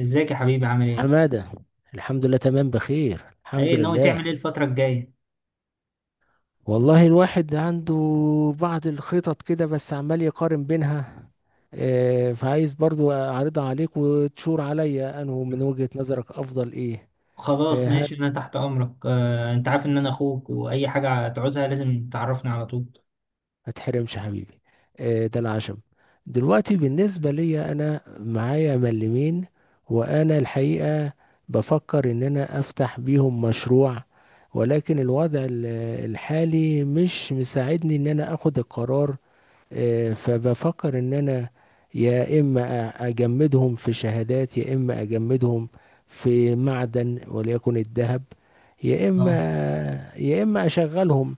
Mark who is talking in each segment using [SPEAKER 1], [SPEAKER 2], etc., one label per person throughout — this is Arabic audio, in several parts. [SPEAKER 1] ازيك يا حبيبي عامل ايه؟
[SPEAKER 2] حمادة. الحمد لله، تمام، بخير، الحمد
[SPEAKER 1] ايه ناوي
[SPEAKER 2] لله.
[SPEAKER 1] تعمل ايه الفترة الجاية؟
[SPEAKER 2] والله الواحد عنده بعض الخطط كده، بس عمال يقارن بينها. فعايز برضو أعرضها عليك وتشور عليا أنه من وجهة نظرك أفضل إيه.
[SPEAKER 1] خلاص
[SPEAKER 2] آه،
[SPEAKER 1] ماشي انا تحت امرك، انت عارف ان انا اخوك واي حاجة تعوزها لازم تعرفني على طول.
[SPEAKER 2] ما تحرمش حبيبي. ده العشم. دلوقتي بالنسبة لي أنا معايا ملمين، وأنا الحقيقة بفكر إن أنا أفتح بيهم مشروع، ولكن الوضع الحالي مش مساعدني إن أنا أخد القرار. فبفكر ان انا يا اما اجمدهم في شهادات، يا اما اجمدهم في معدن وليكن الذهب، يا اما
[SPEAKER 1] اه.
[SPEAKER 2] يا اما اشغلهم.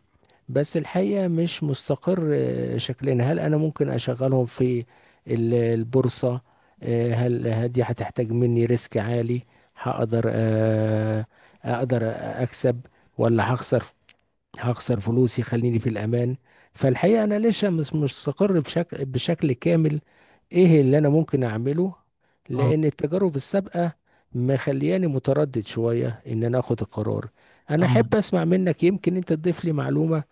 [SPEAKER 2] بس الحقيقة مش مستقر، شكلنا. هل انا ممكن اشغلهم في البورصة؟ هل هدي هتحتاج مني ريسك عالي؟ هقدر، اقدر اكسب ولا هخسر؟ هخسر فلوسي، خليني في الأمان. فالحقيقة أنا لسه مش مستقر بشكل كامل. إيه اللي أنا ممكن أعمله؟
[SPEAKER 1] اه.
[SPEAKER 2] لأن التجارب السابقة مخلياني متردد شوية إن أنا أخد القرار. أنا
[SPEAKER 1] اه.
[SPEAKER 2] أحب أسمع منك، يمكن أنت تضيف لي معلومة،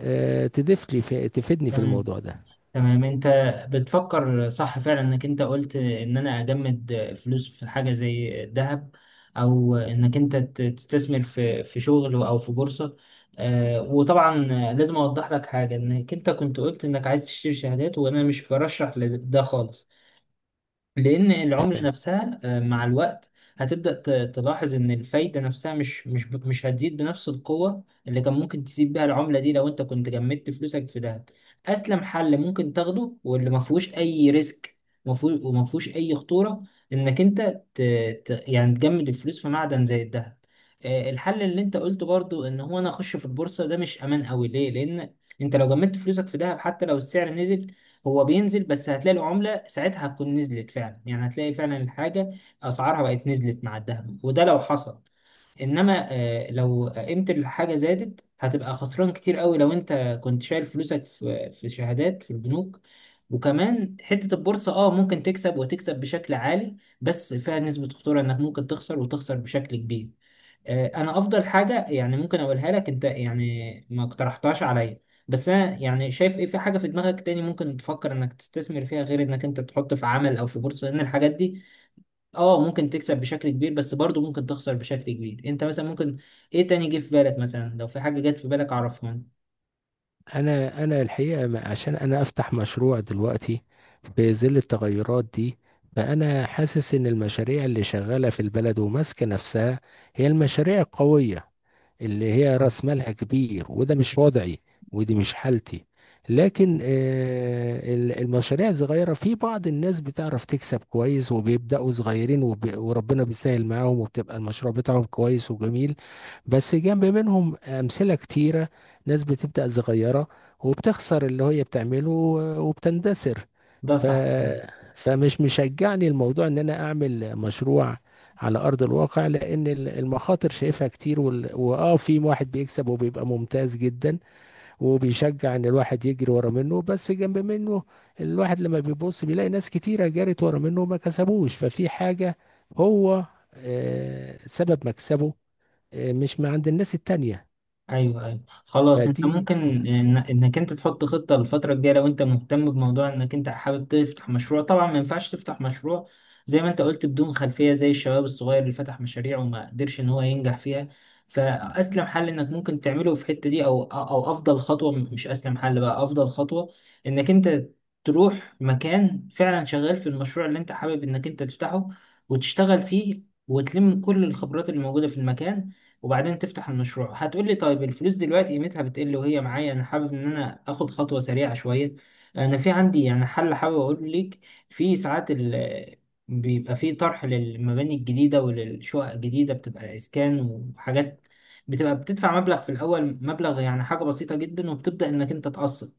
[SPEAKER 2] آه، تضيف لي في تفيدني في
[SPEAKER 1] تمام،
[SPEAKER 2] الموضوع ده.
[SPEAKER 1] تمام. انت بتفكر صح فعلا، انك انت قلت ان انا اجمد فلوس في حاجة زي الذهب او انك انت تستثمر في شغل او في بورصة. وطبعا لازم اوضح لك حاجة، انك انت كنت قلت انك عايز تشتري شهادات وانا مش برشح لده خالص، لان العملة نفسها مع الوقت هتبدأ تلاحظ ان الفايدة نفسها مش هتزيد بنفس القوة اللي كان ممكن تسيب بيها العملة دي لو انت كنت جمدت فلوسك في دهب. اسلم حل ممكن تاخده واللي ما فيهوش اي ريسك ما فيهوش- وما فيهوش اي خطورة، انك انت ت... يعني تجمد الفلوس في معدن زي الدهب. الحل اللي انت قلته برضو ان هو انا اخش في البورصة ده مش امان قوي، ليه؟ لان انت لو جمدت فلوسك في دهب حتى لو السعر نزل هو بينزل، بس هتلاقي العملة ساعتها هتكون نزلت فعلا، يعني هتلاقي فعلا الحاجة أسعارها بقت نزلت مع الذهب، وده لو حصل. إنما لو قيمة الحاجة زادت هتبقى خسران كتير قوي لو أنت كنت شايل فلوسك في شهادات في البنوك. وكمان حتة البورصة اه ممكن تكسب وتكسب بشكل عالي، بس فيها نسبة خطورة إنك ممكن تخسر وتخسر بشكل كبير. انا افضل حاجه يعني ممكن اقولها لك انت يعني ما اقترحتهاش عليا. بس انا يعني شايف ايه، في حاجه في دماغك تاني ممكن تفكر انك تستثمر فيها غير انك انت تحط في عمل او في بورصه؟ لان الحاجات دي اه ممكن تكسب بشكل كبير بس برضه ممكن تخسر بشكل كبير. انت مثلا ممكن ايه تاني جه في بالك؟ مثلا لو في حاجه جت في بالك عرفها لي.
[SPEAKER 2] انا الحقيقه، عشان انا افتح مشروع دلوقتي في ظل التغيرات دي، فانا حاسس ان المشاريع اللي شغاله في البلد وماسكه نفسها هي المشاريع القويه، اللي هي
[SPEAKER 1] آه.
[SPEAKER 2] راس مالها كبير، وده مش وضعي ودي مش حالتي. لكن المشاريع الصغيره، في بعض الناس بتعرف تكسب كويس، وبيبداوا صغيرين، وربنا بيسهل معاهم، وبتبقى المشروع بتاعهم كويس وجميل. بس جنب منهم امثله كتيره، ناس بتبدأ صغيرة وبتخسر اللي هي بتعمله وبتندثر.
[SPEAKER 1] ده
[SPEAKER 2] ف...
[SPEAKER 1] صح.
[SPEAKER 2] فمش مشجعني الموضوع ان انا اعمل مشروع على ارض الواقع، لان المخاطر شايفها كتير، وال... واه في واحد بيكسب وبيبقى ممتاز جدا، وبيشجع ان الواحد يجري ورا منه، بس جنب منه الواحد لما بيبص بيلاقي ناس كتيرة جرت ورا منه وما كسبوش. ففي حاجة هو سبب مكسبه، مش مع عند الناس التانية.
[SPEAKER 1] ايوه، ايوه، خلاص. انت
[SPEAKER 2] فدي.
[SPEAKER 1] ممكن انك انت تحط خطه للفتره الجايه لو انت مهتم بموضوع انك انت حابب تفتح مشروع. طبعا ما ينفعش تفتح مشروع زي ما انت قلت بدون خلفيه زي الشباب الصغير اللي فتح مشاريع وما قدرش ان هو ينجح فيها. فاسلم حل انك ممكن تعمله في الحته دي، او افضل خطوه، مش اسلم حل بقى، افضل خطوه، انك انت تروح مكان فعلا شغال في المشروع اللي انت حابب انك انت تفتحه، وتشتغل فيه وتلم كل الخبرات اللي موجوده في المكان، وبعدين تفتح المشروع. هتقول لي طيب الفلوس دلوقتي قيمتها بتقل وهي معايا، انا حابب ان انا اخد خطوة سريعة شوية. انا في عندي يعني حل حابب اقول لك. في ساعات ال بيبقى في طرح للمباني الجديدة وللشقق الجديدة، بتبقى اسكان وحاجات، بتبقى بتدفع مبلغ في الاول، مبلغ يعني حاجة بسيطة جدا، وبتبدأ انك انت تقسط.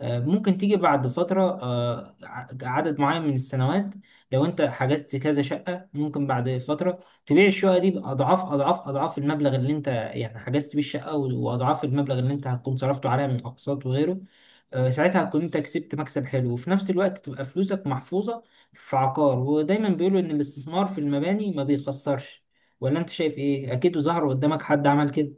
[SPEAKER 1] ممكن تيجي بعد فترة، عدد معين من السنوات، لو انت حجزت كذا شقة، ممكن بعد فترة تبيع الشقة دي بأضعاف أضعاف أضعاف المبلغ اللي أنت يعني حجزت بيه الشقة، وأضعاف المبلغ اللي أنت هتكون صرفته عليها من أقساط وغيره. ساعتها هتكون أنت كسبت مكسب حلو، وفي نفس الوقت تبقى فلوسك محفوظة في عقار. ودايما بيقولوا إن الاستثمار في المباني ما بيخسرش. ولا أنت شايف إيه؟ أكيد ظهر قدامك حد عمل كده.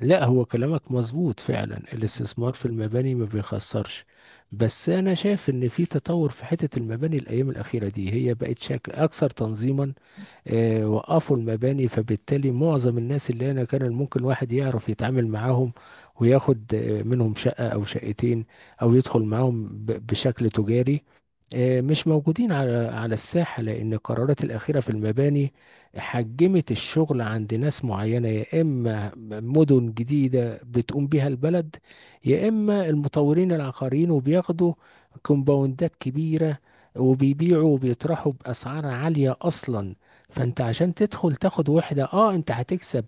[SPEAKER 2] لا، هو كلامك مظبوط فعلا، الاستثمار في المباني ما بيخسرش. بس انا شايف ان في تطور في حتة المباني الايام الاخيرة دي، هي بقت شكل اكثر تنظيما. وقفوا المباني، فبالتالي معظم الناس اللي هنا كان ممكن واحد يعرف يتعامل معاهم وياخد منهم شقة أو شقتين، أو يدخل معاهم بشكل تجاري. مش موجودين على الساحة، لأن القرارات الأخيرة في المباني حجمت الشغل عند ناس معينة. يا إما مدن جديدة بتقوم بها البلد، يا إما المطورين العقاريين، وبياخدوا كومباوندات كبيرة وبيبيعوا وبيطرحوا بأسعار عالية أصلا. فانت عشان تدخل تاخد وحدة، اه، انت هتكسب،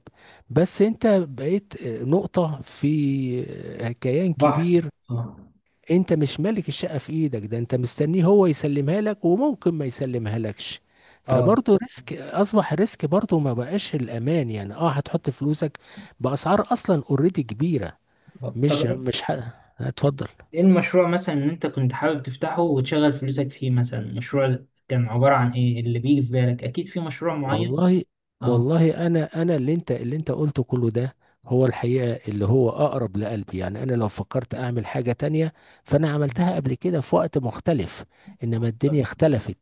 [SPEAKER 2] بس انت بقيت نقطة في كيان
[SPEAKER 1] صح.
[SPEAKER 2] كبير.
[SPEAKER 1] آه.
[SPEAKER 2] انت مش مالك الشقة في ايدك، ده انت مستنيه هو يسلمها لك، وممكن ما يسلمها لكش.
[SPEAKER 1] آه.
[SPEAKER 2] فبرضه ريسك، اصبح ريسك برضه، ما بقاش الامان. يعني اه، هتحط فلوسك باسعار اصلا اوريدي كبيرة.
[SPEAKER 1] آه. طب
[SPEAKER 2] مش
[SPEAKER 1] إيه
[SPEAKER 2] مش هتفضل.
[SPEAKER 1] المشروع مثلا إن أنت كنت حابب تفتحه وتشغل فلوسك فيه؟ مثلا مشروع كان عبارة عن إيه اللي بيجي في بالك؟ أكيد في مشروع معين؟
[SPEAKER 2] والله
[SPEAKER 1] آه.
[SPEAKER 2] والله انا اللي انت قلته كله ده، هو الحقيقة اللي هو اقرب لقلبي. يعني انا لو فكرت اعمل حاجة تانية، فانا عملتها قبل كده في وقت مختلف، انما الدنيا اختلفت.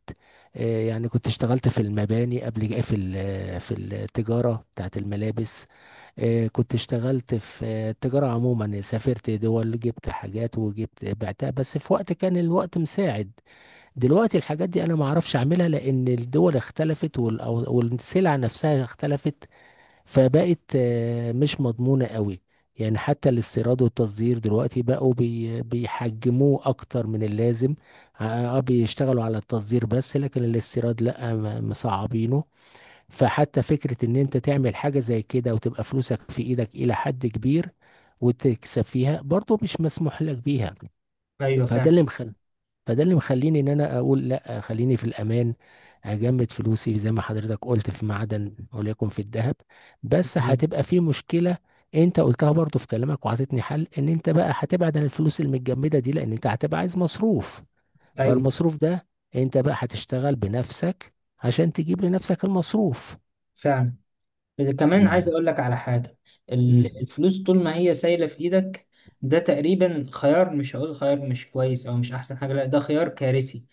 [SPEAKER 2] يعني كنت اشتغلت في المباني في التجارة بتاعت الملابس. كنت اشتغلت في التجارة عموما، سافرت دول، جبت حاجات وجبت بعتها، بس في وقت كان الوقت مساعد. دلوقتي الحاجات دي انا ما اعرفش اعملها، لان الدول اختلفت، والسلع نفسها اختلفت، فبقت مش مضمونة قوي. يعني حتى الاستيراد والتصدير دلوقتي بقوا بيحجموه اكتر من اللازم. اه، بيشتغلوا على التصدير بس، لكن الاستيراد لا، مصعبينه. فحتى فكرة ان انت تعمل حاجة زي كده وتبقى فلوسك في ايدك الى حد كبير وتكسب فيها، برضه مش مسموح لك بيها.
[SPEAKER 1] ايوه
[SPEAKER 2] فده
[SPEAKER 1] فعلا.
[SPEAKER 2] اللي مخلي فده اللي مخليني ان انا اقول لا، خليني في الامان، اجمد فلوسي زي ما حضرتك قلت في معدن، وليكن في الذهب. بس
[SPEAKER 1] بالظبط.
[SPEAKER 2] هتبقى في مشكلة، انت قلتها برضو في كلامك، وعطيتني حل، ان انت بقى هتبعد عن الفلوس المتجمدة دي لان انت هتبقى عايز مصروف.
[SPEAKER 1] ايوه
[SPEAKER 2] فالمصروف ده، انت بقى هتشتغل بنفسك عشان تجيب لنفسك المصروف.
[SPEAKER 1] فعلا. إذا كمان عايز
[SPEAKER 2] يعني.
[SPEAKER 1] اقول لك على حاجه،
[SPEAKER 2] امم.
[SPEAKER 1] الفلوس طول ما هي سايله في ايدك ده تقريبا خيار، مش هقول خيار مش كويس او مش احسن حاجه، لا، ده خيار كارثي.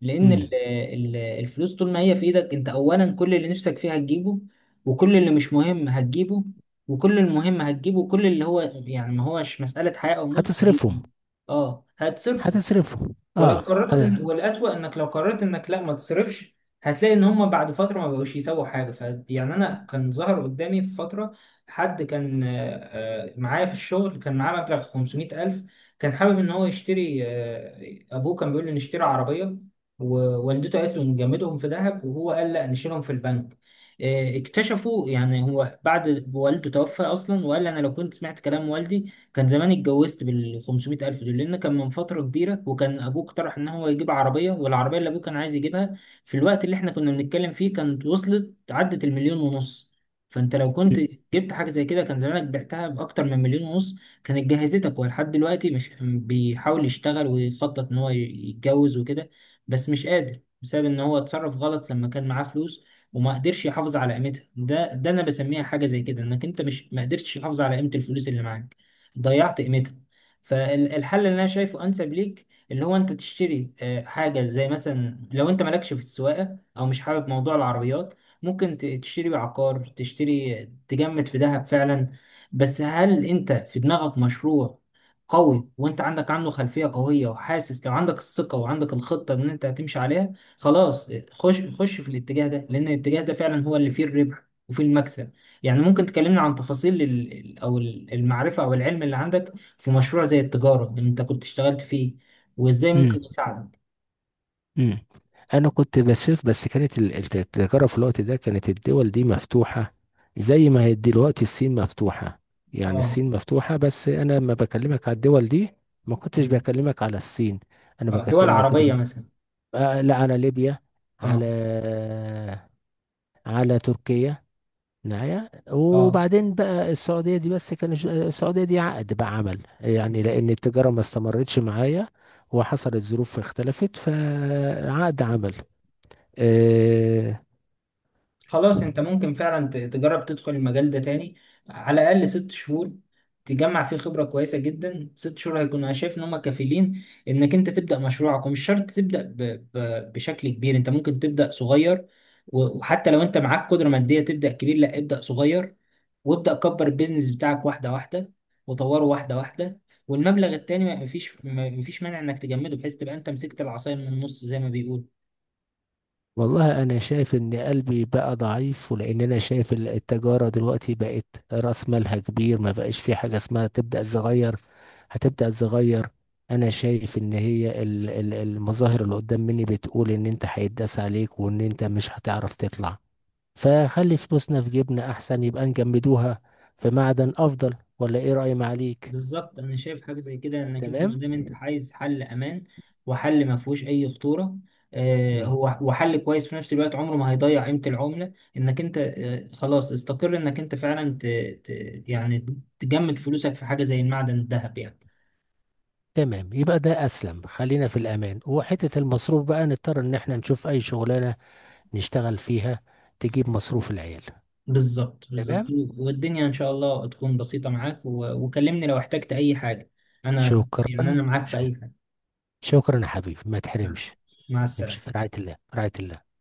[SPEAKER 1] لان
[SPEAKER 2] امم.
[SPEAKER 1] الفلوس طول ما هي في ايدك انت، اولا كل اللي نفسك فيه هتجيبه، وكل اللي مش مهم هتجيبه، وكل المهم هتجيبه، وكل اللي هو يعني ما هوش مساله حياه او موت هتجيبه.
[SPEAKER 2] هتصرفهم.
[SPEAKER 1] اه هتصرفه.
[SPEAKER 2] هتصرفهم
[SPEAKER 1] ولو
[SPEAKER 2] اه.
[SPEAKER 1] قررت إن، والأسوأ إنك لو قررت إنك لا ما تصرفش، هتلاقي إن هما بعد فترة ما بقوش يسووا حاجة. ف يعني أنا كان ظهر قدامي في فترة حد كان معايا في الشغل، كان معاه مبلغ 500 ألف. كان حابب إن هو يشتري، أبوه كان بيقول له نشتري عربية، ووالدته قالت له نجمدهم في ذهب، وهو قال لا نشيلهم في البنك. اكتشفوا يعني، هو بعد والده توفى أصلا وقال أنا لو كنت سمعت كلام والدي كان زمان اتجوزت بال 500 ألف دول، لأن كان من فترة كبيرة وكان أبوه اقترح إن هو يجيب عربية، والعربية اللي أبوه كان عايز يجيبها في الوقت اللي إحنا كنا بنتكلم فيه كانت وصلت عدت المليون ونص. فأنت لو كنت جبت حاجة زي كده كان زمانك بعتها بأكتر من مليون ونص، كانت جهزتك. هو لحد دلوقتي مش بيحاول يشتغل ويخطط إن هو يتجوز وكده، بس مش قادر بسبب إن هو اتصرف غلط لما كان معاه فلوس وما قدرش يحافظ على قيمتها. ده انا بسميها حاجه زي كده، انك انت مش، ما قدرتش تحافظ على قيمه الفلوس اللي معاك، ضيعت قيمتها. فالحل اللي انا شايفه انسب ليك اللي هو انت تشتري حاجه، زي مثلا لو انت مالكش في السواقه او مش حابب موضوع العربيات ممكن تشتري عقار، تشتري، تجمد في ذهب فعلا. بس هل انت في دماغك مشروع قوي، وانت عندك عنه خلفيه قويه، وحاسس لو عندك الثقه وعندك الخطه ان انت هتمشي عليها، خلاص خش خش في الاتجاه ده، لان الاتجاه ده فعلا هو اللي فيه الربح وفيه المكسب. يعني ممكن تكلمنا عن تفاصيل المعرفة او العلم اللي عندك في مشروع زي التجارة اللي انت كنت اشتغلت فيه، وازاي
[SPEAKER 2] امم.
[SPEAKER 1] ممكن يساعدك.
[SPEAKER 2] مم. انا كنت بسيف، بس كانت التجاره في الوقت ده، كانت الدول دي مفتوحه زي ما هي دلوقتي الصين مفتوحه. يعني
[SPEAKER 1] اه.
[SPEAKER 2] الصين مفتوحه، بس انا لما بكلمك على الدول دي ما كنتش
[SPEAKER 1] مم.
[SPEAKER 2] بكلمك على الصين.
[SPEAKER 1] دول
[SPEAKER 2] ما كنت
[SPEAKER 1] عربية
[SPEAKER 2] ب...
[SPEAKER 1] مثلا.
[SPEAKER 2] آه لا، على ليبيا،
[SPEAKER 1] اه.
[SPEAKER 2] على على تركيا معايا.
[SPEAKER 1] اه،
[SPEAKER 2] وبعدين بقى السعوديه دي، بس كان السعوديه دي عقد بقى عمل، يعني لان التجاره ما استمرتش معايا وحصلت ظروف اختلفت، فعقد عمل. أه.
[SPEAKER 1] خلاص انت ممكن فعلا تجرب تدخل المجال ده تاني، على الاقل ست شهور تجمع فيه خبرة كويسة جدا. ست شهور هيكون، انا شايف ان هم كفيلين انك انت تبدأ مشروعك، ومش شرط تبدأ بشكل كبير. انت ممكن تبدأ صغير، وحتى لو انت معاك قدرة مادية تبدأ كبير، لا، ابدأ صغير، وابدأ كبر البيزنس بتاعك واحدة واحدة، وطوره واحدة واحدة. والمبلغ التاني ما فيش مانع انك تجمده، بحيث تبقى انت مسكت العصاية من النص زي ما بيقول.
[SPEAKER 2] والله أنا شايف إن قلبي بقى ضعيف، ولأن أنا شايف التجارة دلوقتي بقت رأس مالها كبير، ما بقاش في حاجة اسمها تبدأ صغير. هتبدأ صغير. أنا شايف إن هي المظاهر اللي قدام مني بتقول إن أنت هيتداس عليك، وإن أنت مش هتعرف تطلع. فخلي فلوسنا في جيبنا أحسن، يبقى نجمدوها في معدن أفضل، ولا إيه رأي معاليك؟
[SPEAKER 1] بالظبط. انا شايف حاجه زي كده، انك انت ما
[SPEAKER 2] تمام؟
[SPEAKER 1] دام انت عايز حل امان وحل ما فيهوش اي خطوره، هو وحل كويس في نفس الوقت عمره ما هيضيع قيمه العمله، انك انت خلاص استقر انك انت فعلا ت... يعني تجمد فلوسك في حاجه زي المعدن، الذهب يعني.
[SPEAKER 2] تمام. يبقى ده أسلم، خلينا في الأمان، وحتة المصروف بقى نضطر إن احنا نشوف أي شغلانة نشتغل فيها، تجيب مصروف العيال.
[SPEAKER 1] بالظبط، بالظبط.
[SPEAKER 2] تمام.
[SPEAKER 1] والدنيا ان شاء الله تكون بسيطه معاك، وكلمني لو احتجت اي حاجه، انا يعني انا
[SPEAKER 2] شكرا
[SPEAKER 1] معاك في
[SPEAKER 2] شك-
[SPEAKER 1] اي حاجه.
[SPEAKER 2] شكرا يا حبيبي، ما تحرمش.
[SPEAKER 1] مع
[SPEAKER 2] نمشي
[SPEAKER 1] السلامه.
[SPEAKER 2] في رعاية الله، في رعاية الله.